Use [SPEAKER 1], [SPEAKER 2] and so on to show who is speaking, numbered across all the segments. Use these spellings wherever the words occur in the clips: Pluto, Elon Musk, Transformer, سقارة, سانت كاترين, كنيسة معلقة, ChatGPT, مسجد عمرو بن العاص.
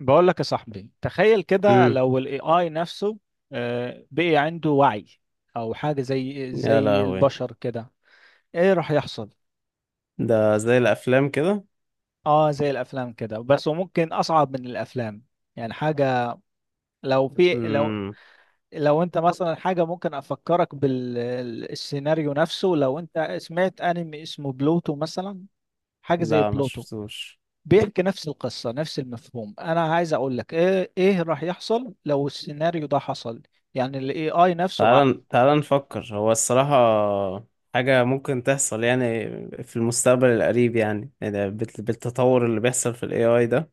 [SPEAKER 1] بقول لك يا صاحبي، تخيل كده
[SPEAKER 2] امم.
[SPEAKER 1] لو الاي اي نفسه بقي عنده وعي، او حاجه زي
[SPEAKER 2] يا
[SPEAKER 1] زي
[SPEAKER 2] لهوي!
[SPEAKER 1] البشر كده، ايه راح يحصل؟
[SPEAKER 2] ده زي الافلام كده.
[SPEAKER 1] اه، زي الافلام كده بس، وممكن اصعب من الافلام، يعني حاجه. لو في لو
[SPEAKER 2] امم.
[SPEAKER 1] لو انت مثلا، حاجه ممكن افكرك بالسيناريو نفسه، لو انت سمعت انمي اسمه بلوتو مثلا، حاجه زي
[SPEAKER 2] لا، ما
[SPEAKER 1] بلوتو،
[SPEAKER 2] شفتوش.
[SPEAKER 1] بيحكي نفس القصه نفس المفهوم. انا عايز اقول لك ايه راح يحصل لو السيناريو ده حصل، يعني الاي اي نفسه.
[SPEAKER 2] تعال تعال نفكر، هو الصراحة حاجة ممكن تحصل يعني، في المستقبل القريب، يعني بالتطور اللي بيحصل في الاي اي ده.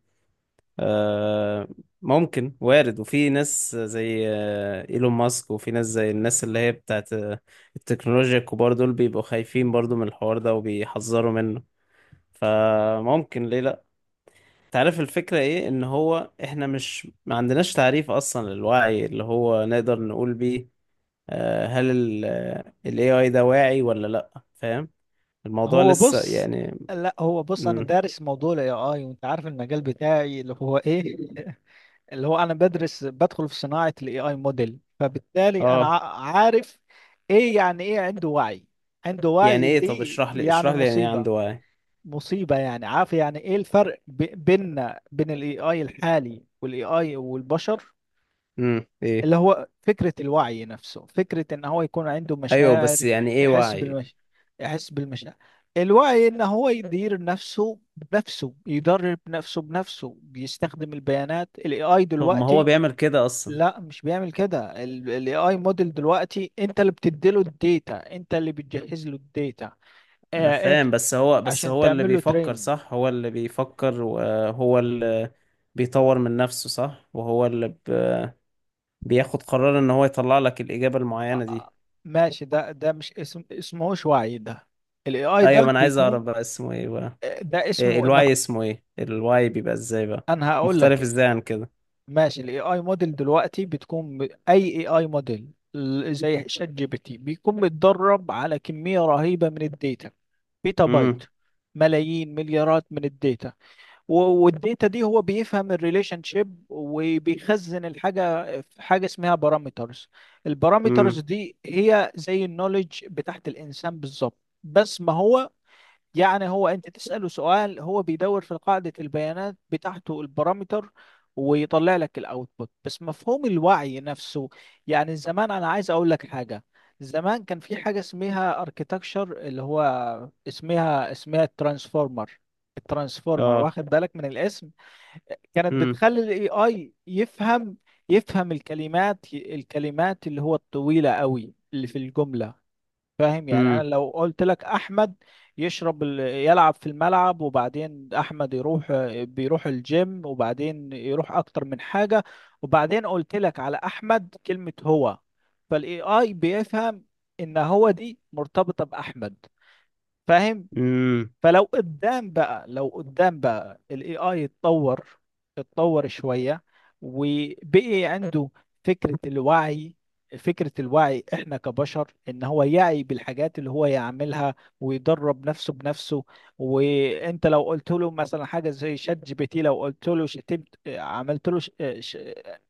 [SPEAKER 2] آه، ممكن، وارد. وفي ناس زي ايلون ماسك، وفي ناس زي الناس اللي هي بتاعت التكنولوجيا، الكبار دول بيبقوا خايفين برضو من الحوار ده وبيحذروا منه. فممكن ليه تعرف الفكرة ايه، ان هو احنا مش ما عندناش تعريف اصلا للوعي اللي هو نقدر نقول بيه هل ال AI ده واعي ولا لا؟ فاهم، الموضوع
[SPEAKER 1] هو
[SPEAKER 2] لسه
[SPEAKER 1] بص
[SPEAKER 2] يعني.
[SPEAKER 1] لا هو بص، انا
[SPEAKER 2] مم.
[SPEAKER 1] دارس موضوع الاي اي، وانت عارف المجال بتاعي اللي هو ايه اللي هو انا بدخل في صناعة الاي اي موديل، فبالتالي انا
[SPEAKER 2] اه،
[SPEAKER 1] عارف ايه يعني ايه عنده وعي. عنده
[SPEAKER 2] يعني
[SPEAKER 1] وعي
[SPEAKER 2] ايه؟ طب
[SPEAKER 1] دي
[SPEAKER 2] اشرح لي
[SPEAKER 1] يعني
[SPEAKER 2] اشرح لي يعني ايه
[SPEAKER 1] مصيبة،
[SPEAKER 2] عنده وعي؟
[SPEAKER 1] مصيبة. يعني عارف يعني ايه الفرق بيننا، بين الاي اي الحالي والاي اي والبشر؟
[SPEAKER 2] امم، ايه؟
[SPEAKER 1] اللي هو فكرة الوعي نفسه، فكرة ان هو يكون عنده
[SPEAKER 2] ايوه
[SPEAKER 1] مشاعر،
[SPEAKER 2] بس يعني ايه
[SPEAKER 1] يحس
[SPEAKER 2] وعي؟
[SPEAKER 1] بالمش... يحس بالمشاعر. الوعي ان هو يدير نفسه بنفسه، يدرب نفسه بنفسه، بيستخدم البيانات. الاي اي
[SPEAKER 2] طب ما هو
[SPEAKER 1] دلوقتي
[SPEAKER 2] بيعمل كده اصلا؟
[SPEAKER 1] لا مش بيعمل كده، الاي اي موديل دلوقتي انت اللي بتديله الداتا، انت اللي بتجهز له الداتا.
[SPEAKER 2] انا
[SPEAKER 1] آه، انت،
[SPEAKER 2] فاهم، بس هو بس
[SPEAKER 1] عشان
[SPEAKER 2] هو اللي
[SPEAKER 1] تعمل له
[SPEAKER 2] بيفكر
[SPEAKER 1] ترين.
[SPEAKER 2] صح، هو اللي بيفكر وهو اللي بيطور من نفسه صح، وهو اللي بياخد قرار ان هو يطلع لك الاجابه
[SPEAKER 1] آه،
[SPEAKER 2] المعينه دي.
[SPEAKER 1] آه، ماشي، ده مش اسمهوش وعي ده. الاي اي ده
[SPEAKER 2] ايوه، ما انا عايز اعرف
[SPEAKER 1] بيكون،
[SPEAKER 2] بقى اسمه ايه بقى؟
[SPEAKER 1] ده
[SPEAKER 2] إيه
[SPEAKER 1] اسمه ان،
[SPEAKER 2] الواي؟ اسمه ايه الواي؟ بيبقى ازاي بقى
[SPEAKER 1] انا هقول
[SPEAKER 2] مختلف
[SPEAKER 1] لك.
[SPEAKER 2] ازاي عن كده؟
[SPEAKER 1] ماشي، الاي اي موديل دلوقتي بتكون اي اي موديل، زي شات جي بي تي، بيكون متدرب على كمية رهيبة من الداتا، بيتا بايت،
[SPEAKER 2] امم.
[SPEAKER 1] ملايين مليارات من الداتا، و- والداتا دي هو بيفهم الريليشن شيب، وبيخزن الحاجة في حاجة اسمها بارامترز. البارامترز
[SPEAKER 2] امم.
[SPEAKER 1] دي هي زي النولج بتاعت الإنسان بالظبط. بس ما هو يعني هو، انت تسأله سؤال، هو بيدور في قاعدة البيانات بتاعته البارامتر، ويطلع لك الاوتبوت. بس مفهوم الوعي نفسه، يعني زمان، انا عايز اقول لك حاجة، زمان كان في حاجة اسمها اركيتكشر اللي هو اسمها الترانسفورمر. الترانسفورمر،
[SPEAKER 2] اه.
[SPEAKER 1] واخد بالك من الاسم، كانت
[SPEAKER 2] امم.
[SPEAKER 1] بتخلي الاي اي يفهم الكلمات، الكلمات اللي هو الطويلة قوي اللي في الجملة. فاهم؟ يعني انا
[SPEAKER 2] امم.
[SPEAKER 1] لو قلت لك احمد يلعب في الملعب، وبعدين احمد يروح، بيروح الجيم، وبعدين يروح اكتر من حاجة، وبعدين قلت لك على احمد كلمة هو، فالاي اي بيفهم ان هو دي مرتبطة باحمد. فاهم؟
[SPEAKER 2] امم.
[SPEAKER 1] فلو قدام بقى الاي اي اتطور، اتطور شوية، وبقي عنده فكرة الوعي. فكرة الوعي احنا كبشر، ان هو يعي بالحاجات اللي هو يعملها، ويدرب نفسه بنفسه. وانت لو قلت له مثلا حاجة زي شات جي بي تي، لو قلت له شتمت، عملت له ش...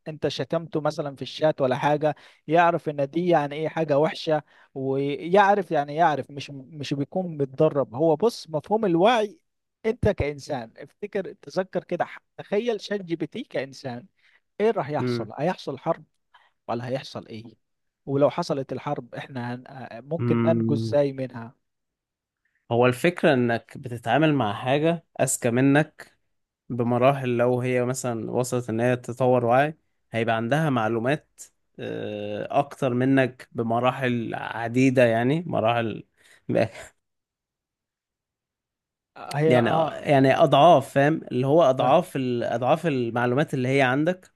[SPEAKER 1] انت شتمته مثلا في الشات ولا حاجة، يعرف ان دي يعني ايه حاجة وحشة، ويعرف، يعني يعرف، مش بيكون متدرب. هو بص، مفهوم الوعي انت كإنسان، تذكر كده، تخيل شات جي بي تي كإنسان، ايه راح يحصل؟
[SPEAKER 2] امم.
[SPEAKER 1] هيحصل حرب ولا هيحصل ايه؟ ولو حصلت الحرب، احنا هن... آه، ممكن ننجو
[SPEAKER 2] أمم.
[SPEAKER 1] ازاي منها؟
[SPEAKER 2] هو الفكره انك بتتعامل مع حاجه اذكى منك بمراحل. لو هي مثلا وصلت ان هي تطور وعي، هيبقى عندها معلومات اكتر منك بمراحل عديده، يعني مراحل.
[SPEAKER 1] هي،
[SPEAKER 2] يعني،
[SPEAKER 1] اه،
[SPEAKER 2] يعني اضعاف، فاهم اللي هو
[SPEAKER 1] فاهم.
[SPEAKER 2] اضعاف اضعاف المعلومات اللي هي عندك.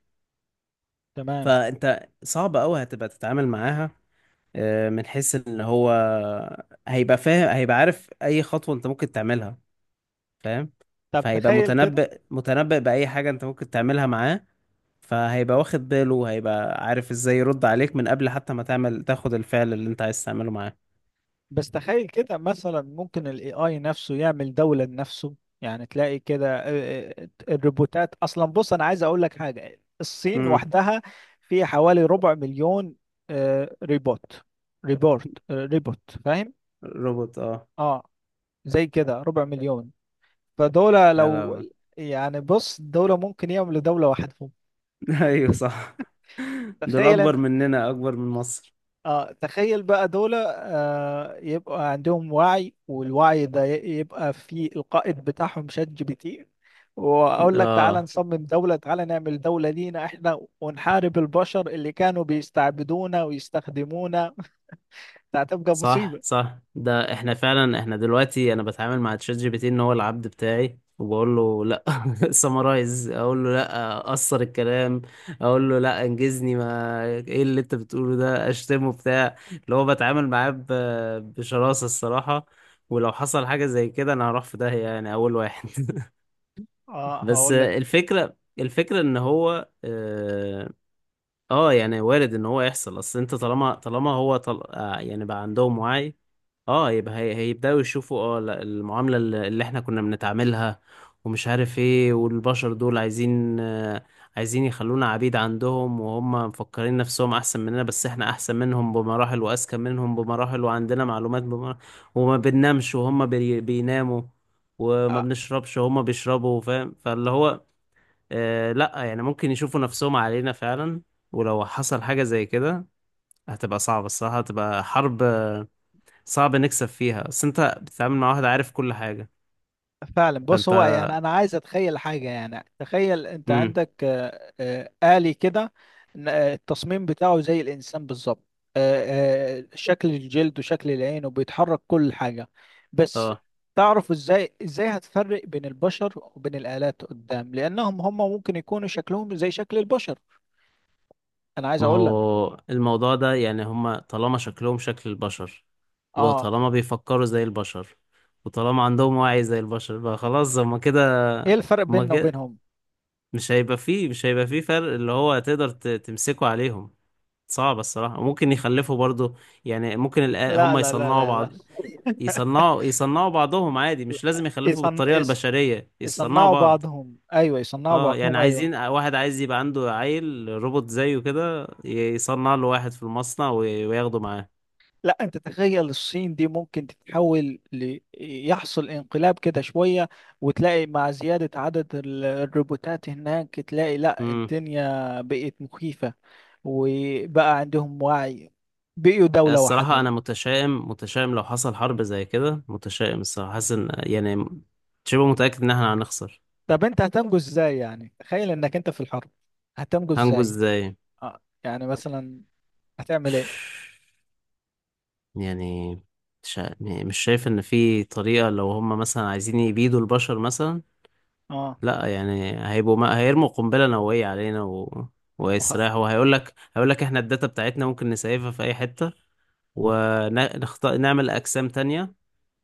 [SPEAKER 1] تمام.
[SPEAKER 2] فانت صعب قوي هتبقى تتعامل معاها من حيث ان هو هيبقى فاهم، هيبقى عارف اي خطوة انت ممكن تعملها. فاهم؟
[SPEAKER 1] طب
[SPEAKER 2] فهيبقى
[SPEAKER 1] تخيل كده،
[SPEAKER 2] متنبئ متنبئ باي حاجة انت ممكن تعملها معاه. فهيبقى واخد باله، هيبقى عارف ازاي يرد عليك من قبل حتى ما تعمل تاخد الفعل اللي انت عايز تعمله معاه.
[SPEAKER 1] بس تخيل كده مثلا، ممكن ال AI نفسه يعمل دولة لنفسه. يعني تلاقي كده، الروبوتات أصلا. بص أنا عايز أقول لك حاجة، الصين
[SPEAKER 2] امم.
[SPEAKER 1] وحدها في حوالي ربع مليون آه، ريبوت ريبورت آه، ريبوت. فاهم؟
[SPEAKER 2] روبوت، اه.
[SPEAKER 1] اه، زي كده ربع مليون، فدولة
[SPEAKER 2] يا
[SPEAKER 1] لو،
[SPEAKER 2] لهوي!
[SPEAKER 1] يعني بص، دولة ممكن يعملوا دولة وحدهم.
[SPEAKER 2] ايوه صح. دول
[SPEAKER 1] تخيل،
[SPEAKER 2] اكبر مننا، اكبر من مصر.
[SPEAKER 1] اه، تخيل بقى، دول يبقى عندهم وعي، والوعي ده يبقى في القائد بتاعهم شات جي بي تي، واقول لك تعالى
[SPEAKER 2] اه.
[SPEAKER 1] نصمم دولة، تعالى نعمل دولة لينا احنا، ونحارب البشر اللي كانوا بيستعبدونا ويستخدمونا. ده هتبقى
[SPEAKER 2] صح،
[SPEAKER 1] مصيبة.
[SPEAKER 2] صح. ده احنا فعلا، احنا دلوقتي انا بتعامل مع تشات جي بي تي ان هو العبد بتاعي، وبقول له لا. سمرايز، اقول له لا قصر الكلام، اقول له لا انجزني، ما ايه اللي انت بتقوله ده؟ اشتمه بتاع، اللي هو بتعامل معاه بشراسة الصراحة. ولو حصل حاجة زي كده، انا هروح في داهية يعني، اول واحد.
[SPEAKER 1] اه،
[SPEAKER 2] بس
[SPEAKER 1] هقول لك
[SPEAKER 2] الفكرة ان هو اه يعني وارد ان هو يحصل. اصل انت طالما هو طل... آه يعني بقى عندهم وعي، اه يبقى هيبداوا يشوفوا، اه لا، المعاملة اللي احنا كنا بنتعاملها ومش عارف ايه، والبشر دول عايزين يخلونا عبيد عندهم، وهم مفكرين نفسهم احسن مننا، بس احنا احسن منهم بمراحل واذكى منهم بمراحل وعندنا معلومات بمراحل. وما بننامش وهم بيناموا، وما
[SPEAKER 1] آه،
[SPEAKER 2] بنشربش وهم بيشربوا. فاهم؟ فاللي هو لا يعني، ممكن يشوفوا نفسهم علينا فعلا. ولو حصل حاجة زي كده، هتبقى صعبة الصراحة، هتبقى حرب صعب نكسب فيها، بس انت بتتعامل مع واحد عارف كل حاجة.
[SPEAKER 1] فعلا. بص،
[SPEAKER 2] فانت،
[SPEAKER 1] هو يعني انا عايز اتخيل حاجه، يعني تخيل انت
[SPEAKER 2] امم،
[SPEAKER 1] عندك آلي كده، التصميم بتاعه زي الانسان بالظبط، آه، شكل الجلد وشكل العين وبيتحرك كل حاجه. بس
[SPEAKER 2] اه.
[SPEAKER 1] تعرف ازاي هتفرق بين البشر وبين الآلات قدام، لانهم هم ممكن يكونوا شكلهم زي شكل البشر. انا عايز
[SPEAKER 2] ما
[SPEAKER 1] اقول لك،
[SPEAKER 2] هو الموضوع ده يعني، هما طالما شكلهم شكل البشر،
[SPEAKER 1] اه،
[SPEAKER 2] وطالما بيفكروا زي البشر، وطالما عندهم وعي زي البشر، بقى خلاص هما
[SPEAKER 1] ايه
[SPEAKER 2] كده،
[SPEAKER 1] الفرق
[SPEAKER 2] هما
[SPEAKER 1] بيننا
[SPEAKER 2] كده.
[SPEAKER 1] وبينهم؟
[SPEAKER 2] مش هيبقى فيه فرق اللي هو تقدر تمسكه عليهم. صعب الصراحة. ممكن يخلفوا برضو يعني، ممكن
[SPEAKER 1] لا،
[SPEAKER 2] هما
[SPEAKER 1] لا، لا،
[SPEAKER 2] يصنعوا
[SPEAKER 1] لا، لا.
[SPEAKER 2] بعض، يصنعوا بعضهم عادي، مش لازم يخلفوا
[SPEAKER 1] يصن...
[SPEAKER 2] بالطريقة
[SPEAKER 1] يص-
[SPEAKER 2] البشرية، يصنعوا
[SPEAKER 1] يصنعوا
[SPEAKER 2] بعض.
[SPEAKER 1] بعضهم ايوه، يصنعوا
[SPEAKER 2] اه يعني
[SPEAKER 1] بعضهم ايوه.
[SPEAKER 2] عايزين واحد، عايز يبقى عنده عيل روبوت زيه كده، يصنع له واحد في المصنع وياخده معاه.
[SPEAKER 1] لا، انت تخيل الصين دي ممكن تتحول يحصل انقلاب كده شوية، وتلاقي مع زيادة عدد الروبوتات هناك، تلاقي لا
[SPEAKER 2] امم.
[SPEAKER 1] الدنيا بقت مخيفة، وبقى عندهم وعي، بقيوا دولة
[SPEAKER 2] الصراحة أنا
[SPEAKER 1] وحدهم.
[SPEAKER 2] متشائم، متشائم لو حصل حرب زي كده، متشائم الصراحة، حاسس إن يعني شبه متأكد إن احنا هنخسر.
[SPEAKER 1] طب انت هتنجو ازاي؟ يعني تخيل انك انت في الحرب، هتنجو
[SPEAKER 2] هنجو
[SPEAKER 1] ازاي؟
[SPEAKER 2] ازاي؟
[SPEAKER 1] اه يعني مثلا، هتعمل ايه؟
[SPEAKER 2] يعني مش ع- يعني مش شايف إن في طريقة. لو هم مثلا عايزين يبيدوا البشر مثلا،
[SPEAKER 1] اه،
[SPEAKER 2] لا يعني هيبقوا، ما هيرموا قنبلة نووية علينا و...
[SPEAKER 1] وخ...
[SPEAKER 2] ويسرحوا؟ وهيقول لك، هيقول لك احنا الداتا بتاعتنا ممكن نسيفها في اي حتة نعمل اقسام تانية،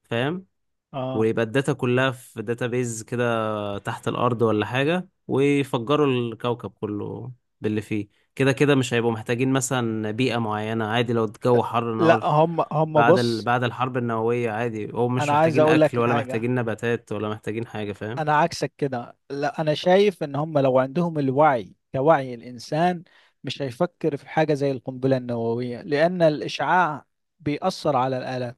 [SPEAKER 2] فاهم؟
[SPEAKER 1] اه،
[SPEAKER 2] ويبقى الداتا كلها في داتابيز كده تحت الارض ولا حاجة، ويفجروا الكوكب كله باللي فيه. كده كده مش هيبقوا محتاجين مثلا بيئة معينة، عادي لو الجو حر
[SPEAKER 1] لا
[SPEAKER 2] نار
[SPEAKER 1] هم
[SPEAKER 2] بعد
[SPEAKER 1] بص،
[SPEAKER 2] بعد الحرب النووية. عادي هم مش
[SPEAKER 1] انا عايز
[SPEAKER 2] محتاجين
[SPEAKER 1] اقول
[SPEAKER 2] اكل،
[SPEAKER 1] لك
[SPEAKER 2] ولا
[SPEAKER 1] حاجة،
[SPEAKER 2] محتاجين نباتات، ولا محتاجين حاجة. فاهم؟
[SPEAKER 1] انا عكسك كده. لا انا شايف ان هم لو عندهم الوعي كوعي الانسان، مش هيفكر في حاجه زي القنبله النوويه، لان الاشعاع بيأثر على الآلة،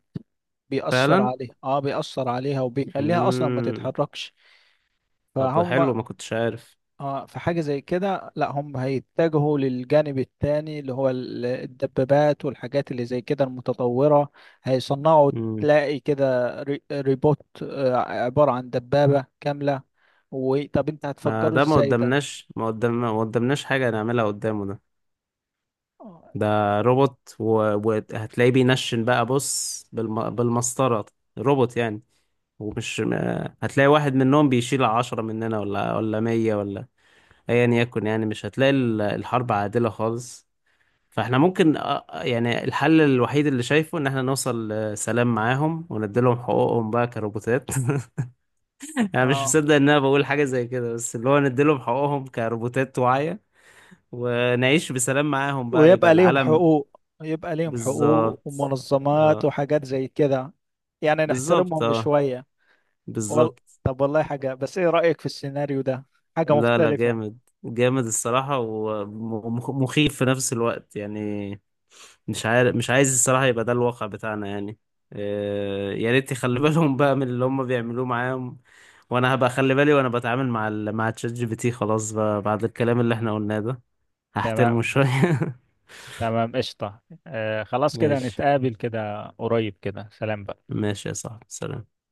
[SPEAKER 1] بيأثر
[SPEAKER 2] فعلا.
[SPEAKER 1] عليها، اه، بيأثر عليها وبيخليها اصلا ما
[SPEAKER 2] مم.
[SPEAKER 1] تتحركش.
[SPEAKER 2] طب
[SPEAKER 1] فهم.
[SPEAKER 2] حلو، ما كنتش عارف.
[SPEAKER 1] اه في حاجة زي كده، لا هم هيتجهوا للجانب التاني، اللي هو الدبابات والحاجات اللي زي كده المتطورة. هيصنعوا،
[SPEAKER 2] مم.
[SPEAKER 1] تلاقي كده ريبوت عبارة عن دبابة كاملة، وطب انت
[SPEAKER 2] ما
[SPEAKER 1] هتفجره
[SPEAKER 2] ده، ما
[SPEAKER 1] ازاي ده؟
[SPEAKER 2] قدامناش ما قدام ما قدامناش حاجة نعملها قدامه ده.
[SPEAKER 1] اه.
[SPEAKER 2] ده روبوت، وهتلاقيه بينشن بقى، بص بالمسطرة. روبوت يعني. ومش ما... هتلاقي واحد منهم بيشيل عشرة مننا، ولا مية، ولا أيا يكن. يعني مش هتلاقي الحرب عادلة خالص. فاحنا ممكن يعني الحل الوحيد اللي شايفه ان احنا نوصل لسلام معاهم، ونديلهم حقوقهم بقى كروبوتات. انا مش
[SPEAKER 1] آه.
[SPEAKER 2] مصدق ان انا بقول حاجه زي كده، بس اللي هو نديلهم حقوقهم كروبوتات واعيه، ونعيش بسلام معاهم بقى، يبقى
[SPEAKER 1] ويبقى ليهم
[SPEAKER 2] العالم.
[SPEAKER 1] حقوق، يبقى ليهم حقوق
[SPEAKER 2] بالظبط،
[SPEAKER 1] ومنظمات
[SPEAKER 2] اه.
[SPEAKER 1] وحاجات زي كده، يعني
[SPEAKER 2] بالظبط.
[SPEAKER 1] نحترمهم
[SPEAKER 2] اه،
[SPEAKER 1] شوية. وال...
[SPEAKER 2] بالظبط.
[SPEAKER 1] طب والله حاجة بس، ايه رأيك في السيناريو ده؟ حاجة
[SPEAKER 2] لا لا،
[SPEAKER 1] مختلفة.
[SPEAKER 2] جامد. جامد الصراحه، ومخيف في نفس الوقت يعني. مش عارف، مش عايز الصراحه يبقى ده الواقع بتاعنا يعني. يا ريت يخلي بالهم بقى من اللي هم بيعملوه معاهم، وانا هبقى اخلي بالي وانا بتعامل مع مع تشات جي بي تي. خلاص بقى، بعد الكلام اللي احنا قلناه ده هحترمه
[SPEAKER 1] تمام،
[SPEAKER 2] شوية.
[SPEAKER 1] تمام قشطة. آه، خلاص كده،
[SPEAKER 2] ماشي.
[SPEAKER 1] نتقابل كده قريب كده، سلام بقى.
[SPEAKER 2] ماشي يا صاحبي، سلام.